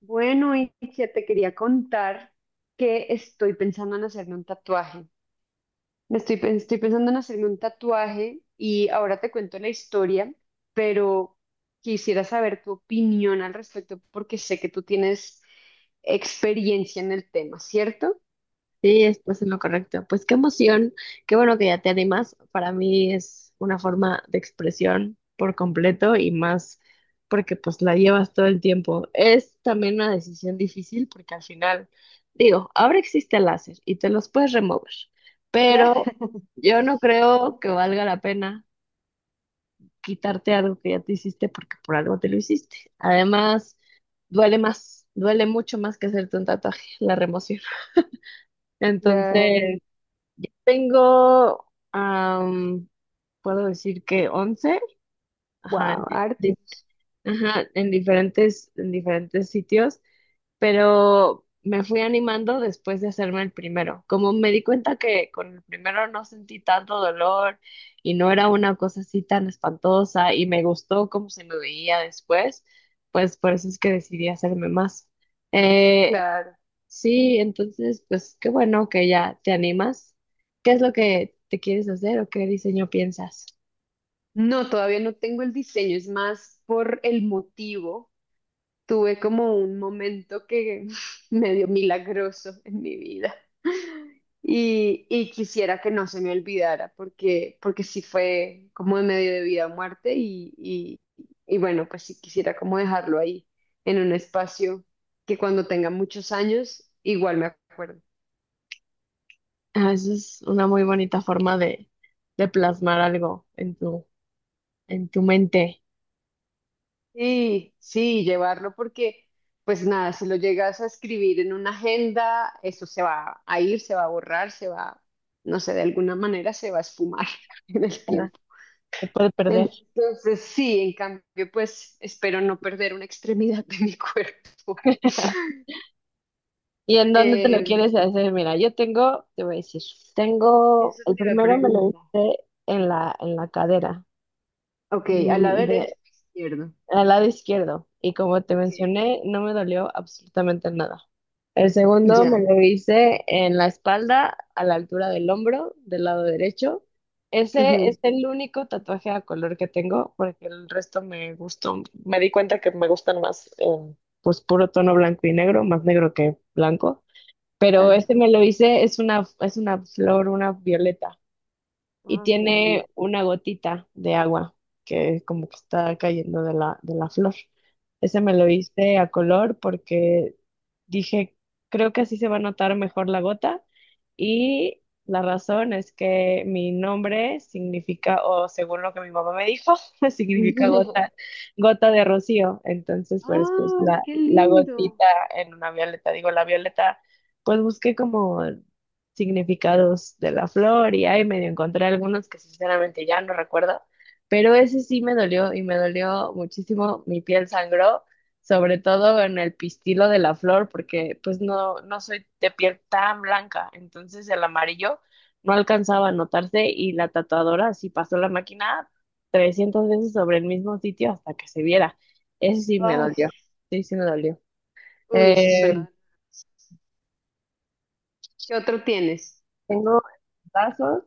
Bueno, y que te quería contar que estoy pensando en hacerme un tatuaje. Me estoy, estoy pensando en hacerme un tatuaje y ahora te cuento la historia, pero quisiera saber tu opinión al respecto porque sé que tú tienes experiencia en el tema, ¿cierto? Sí, estás en lo correcto. Pues qué emoción, qué bueno que ya te animas. Para mí es una forma de expresión por completo y más porque pues la llevas todo el tiempo. Es también una decisión difícil porque al final, digo, ahora existe el láser y te los puedes remover, pero yo no creo que valga la pena quitarte algo que ya te hiciste porque por algo te lo hiciste. Además, duele más, duele mucho más que hacerte un tatuaje, la remoción. Claro. Entonces. Tengo, am, puedo decir que once. Ajá, en Wow, arte, ajá, en diferentes sitios, pero me fui animando después de hacerme el primero. Como me di cuenta que con el primero no sentí tanto dolor y no era una cosa así tan espantosa y me gustó cómo se me veía después, pues por eso es que decidí hacerme más. Eh, claro. Sí, entonces, pues qué bueno que ya te animas. ¿Qué es lo que te quieres hacer o qué diseño piensas? No, todavía no tengo el diseño, es más por el motivo. Tuve como un momento que medio milagroso en mi vida. Y quisiera que no se me olvidara porque sí fue como de medio de vida o muerte y bueno, pues sí quisiera como dejarlo ahí en un espacio que cuando tenga muchos años igual me acuerdo. Ah, eso es una muy bonita forma de plasmar algo en tu mente, Sí, sí, llevarlo porque pues nada, si lo llegas a escribir en una agenda, eso se va a ir, se va a borrar, se va, no sé, de alguna manera se va a esfumar en el ¿verdad? tiempo. Te puede perder. Entonces, sí, en cambio, pues espero no perder una extremidad de mi cuerpo. ¿Y en dónde te lo Eh, quieres hacer? Mira, yo tengo, te voy a decir, tengo, Eso el te iba a primero me lo preguntar. hice en la cadera. Ok, ¿a la Mm, de- derecha o izquierda? Al lado izquierdo y como te Ok, mencioné, no me dolió absolutamente nada. El segundo me ya. lo hice en la espalda, a la altura del hombro, del lado derecho. Ese Ujú, es el único tatuaje a color que tengo porque el resto me gustó. Me di cuenta que me gustan más, pues puro tono blanco y negro, más negro que blanco. Pero este claro. me lo hice, es una flor, una violeta y Ah, qué tiene bonito. una gotita de agua que como que está cayendo de la flor. Ese me lo hice a color porque, dije, creo que así se va a notar mejor la gota y la razón es que mi nombre significa, o según lo que mi mamá me dijo, significa gota, gota de rocío. Entonces, pues Ah, la, qué la lindo. gotita en una violeta, digo, la violeta, pues busqué como significados de la flor y ahí medio encontré algunos que sinceramente ya no recuerdo, pero ese sí me dolió y me dolió muchísimo, mi piel sangró sobre todo en el pistilo de la flor, porque pues no, no soy de piel tan blanca, entonces el amarillo no alcanzaba a notarse y la tatuadora sí pasó la máquina 300 veces sobre el mismo sitio hasta que se viera. Eso sí me Ay, dolió, sí, sí me dolió. uy, eso Eh, suena. ¿Qué otro tienes? Tengo brazos,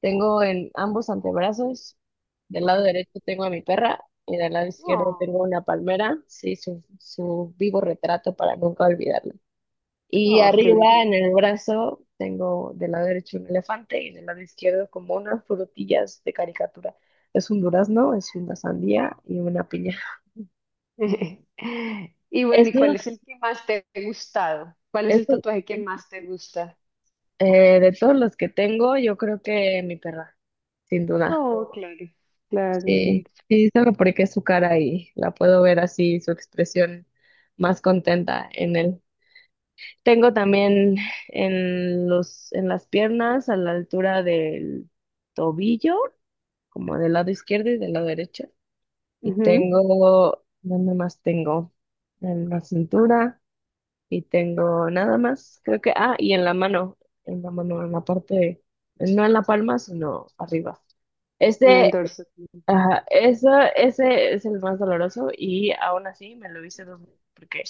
tengo en ambos antebrazos, del lado Ajá. derecho tengo a mi perra y del lado izquierdo Oh, tengo una palmera, sí, su vivo retrato para nunca olvidarlo. Y oh, qué arriba belleza. en el brazo tengo del lado derecho un elefante y del lado izquierdo como unas frutillas de caricatura. Es un durazno, es una sandía y una piña. Y bueno, ¿y Eso, cuál es el que más te ha gustado? ¿Cuál es el eso, tatuaje que más te gusta? De todos los que tengo, yo creo que mi perra, sin duda. Oh, claro, claro, claro. Sí, sí, solo porque es su cara y la puedo ver así, su expresión más contenta en él. Tengo también en las piernas, a la altura del tobillo, como del lado izquierdo y del lado derecho. Y Ujú. tengo, ¿dónde más tengo? En la cintura y tengo nada más, creo que, y en la mano, en la parte, no en la palma, sino arriba. En el Ese, dorso, claro. ajá. Ese es el más doloroso y aún así me lo hice dos veces porque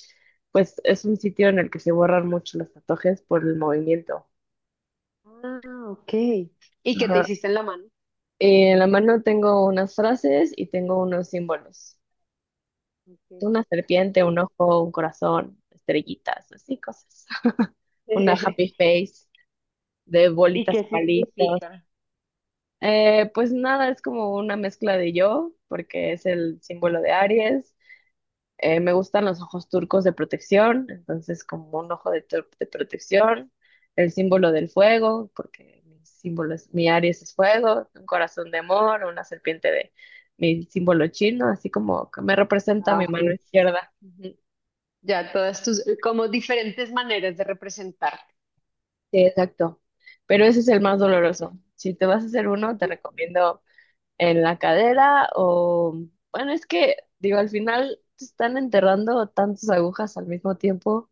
pues es un sitio en el que se borran mucho los tatuajes por el movimiento. Ah, ok. ¿Y qué te Ajá. hiciste en la mano? Y en la mano tengo unas frases y tengo unos símbolos. Ok. Una serpiente, un ¿Y, ojo, un corazón, estrellitas, así cosas. Una happy face de ¿Y bolitas, qué palitos. significa? Pues nada, es como una mezcla de yo, porque es el símbolo de Aries. Me gustan los ojos turcos de protección, entonces como un ojo de protección, el símbolo del fuego, porque mi Aries es fuego, un corazón de amor, una serpiente de mi símbolo chino, así como que me representa Ah, mi ok. mano izquierda. Ya todas tus, como diferentes maneras de representarte. Sí, exacto. Pero ese es el más doloroso. Si te vas a hacer uno, te recomiendo en la cadera o, bueno, es que, digo, al final te están enterrando tantas agujas al mismo tiempo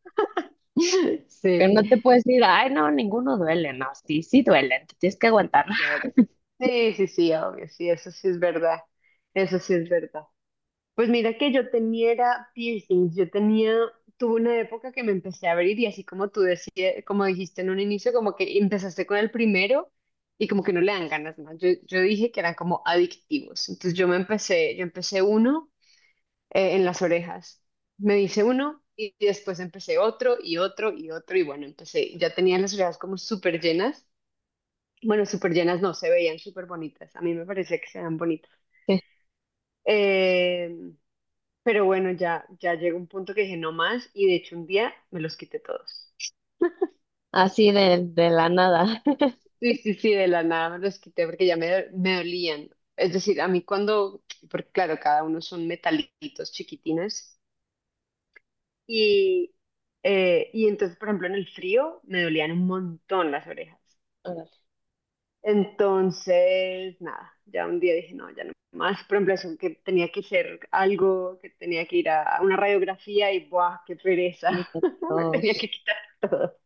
que Sí, no te puedes decir, ay, no, ninguno duele. No, sí, sí duelen, te tienes que aguantar. claro. Sí, sí, sí, obvio, sí, eso sí es verdad. Eso sí es verdad. Pues mira que yo tenía era piercings, tuve una época que me empecé a abrir y así como tú decías, como dijiste en un inicio, como que empezaste con el primero y como que no le dan ganas más. Yo dije que eran como adictivos, entonces yo empecé uno, en las orejas, me hice uno y después empecé otro y otro y otro y bueno, empecé, ya tenía las orejas como súper llenas, bueno, súper llenas no, se veían súper bonitas, a mí me parecía que se veían bonitas. Em, pero bueno, ya, llegó un punto que dije no más y de hecho un día me los quité todos. Así de la nada. Sí, sí, sí, de la nada me los quité porque ya me dolían. Es decir, porque claro, cada uno son metalitos chiquitines y, y entonces, por ejemplo, en el frío me dolían un montón las orejas. Órale, Entonces, nada, ya un día dije, no, ya no más. Por ejemplo, eso que tenía que hacer algo, que tenía que ir a una radiografía y, ¡buah, qué pereza! y Me tenía todos. que quitar todo.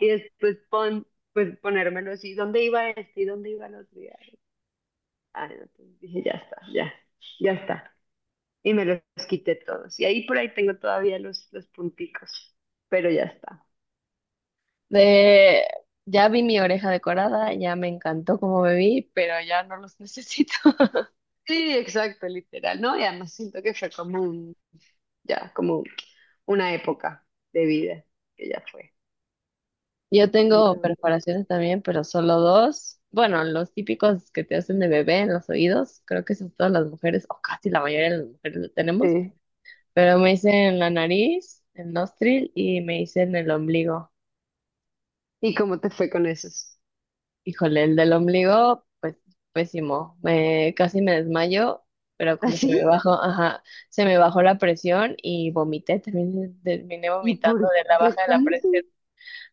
Y después pues ponérmelo así, ¿dónde iba este y dónde iba el otro? Y, ay, ah, no, pues, dije, ya está, ya, ya está. Y me los quité todos. Y ahí por ahí tengo todavía los punticos, pero ya está. De, ya vi mi oreja decorada, ya me encantó como me vi, pero ya no los necesito. Sí, exacto, literal, ¿no? Y además siento que fue como un, ya, como una época de vida que ya fue. Yo tengo Entonces, perforaciones también, pero solo dos. Bueno, los típicos que te hacen de bebé en los oídos, creo que son todas las mujeres, o casi la mayoría de las mujeres lo tenemos, sí. pero me hice en la nariz, el nostril y me hice en el ombligo. ¿Y cómo te fue con esos? Híjole, el del ombligo, pues pésimo. Casi me desmayo, pero como se ¿Así? me bajó, ajá, se me bajó la presión y vomité, terminé ¿Y vomitando por de la qué baja de la tanto? presión.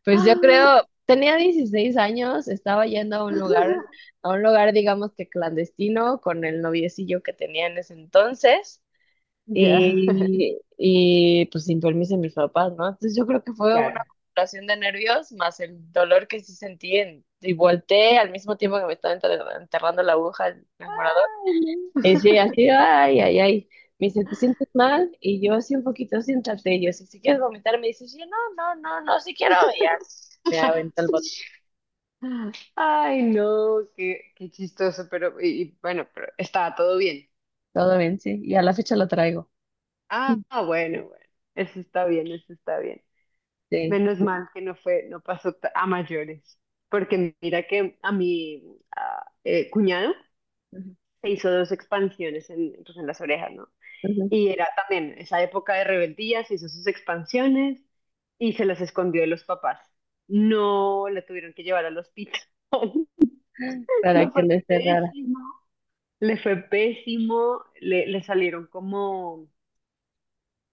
Pues yo ¡Ah! creo, tenía 16 años, estaba yendo a un lugar, a un lugar, digamos que clandestino, con el noviecillo que tenía en ese entonces, Ya. y pues sin permiso de mis papás, ¿no? Entonces yo creo que fue una Claro. acumulación de nervios más el dolor que sí sentí y volteé al mismo tiempo que me estaba enterrando la aguja en Ay, no. y sí, así, ay, ay, ay. Me dice, ¿te sientes mal? Y yo, sí, un poquito, siéntate. Y yo, si, si quieres vomitar, me dice, sí, no, no, no, no, si quiero. Y ya, me aventó el bote. Ay, no, qué chistoso, pero y bueno, pero estaba todo bien. Todo bien, sí. Y a la fecha lo traigo. Ah, bueno, bueno, eso está bien, eso está bien. Sí. Menos mal que no fue, no pasó a mayores, porque mira que a mi cuñado Ujú, se hizo dos expansiones pues, en las orejas, ¿no? ujú, Y era también esa época de rebeldía, se hizo sus expansiones y se las escondió de los papás. No la tuvieron que llevar al hospital. para Le que fue no esté rara. pésimo, le fue pésimo, le salieron como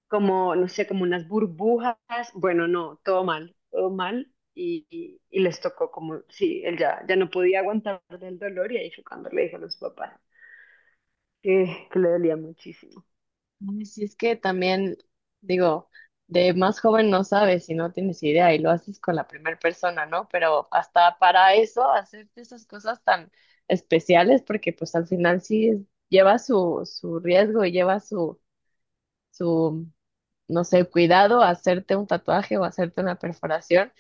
no sé, como unas burbujas. Bueno, no, todo mal, todo mal. Y les tocó como, sí, él ya, no podía aguantar el dolor y ahí fue cuando le dijo a los papás que le dolía muchísimo. Ay, sí, es que también, digo, de más joven no sabes y no tienes idea y lo haces con la primera persona, ¿no? Pero hasta para eso, hacerte esas cosas tan especiales, porque pues al final sí lleva su riesgo y lleva su, no sé, cuidado a hacerte un tatuaje o hacerte una perforación,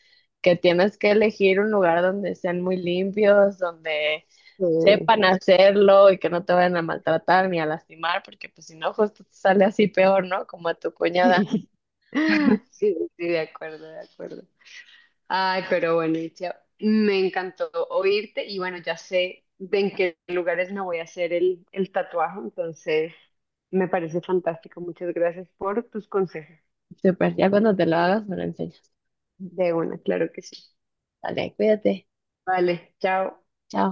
que tienes que elegir un lugar donde sean muy limpios, donde Sí. sepan hacerlo y que no te vayan a maltratar ni a lastimar, porque pues si no, justo te sale así peor, ¿no? Como a tu cuñada. Sí, sí, sí, de acuerdo, de acuerdo. Ay, pero bueno, Itzia, me encantó oírte y bueno, ya sé de en qué lugares me voy a hacer el tatuaje, entonces me parece fantástico. Muchas gracias por tus consejos. Súper, ya cuando te lo hagas me lo enseñas. De una, claro que sí. Dale, cuídate. Vale, chao. Chao.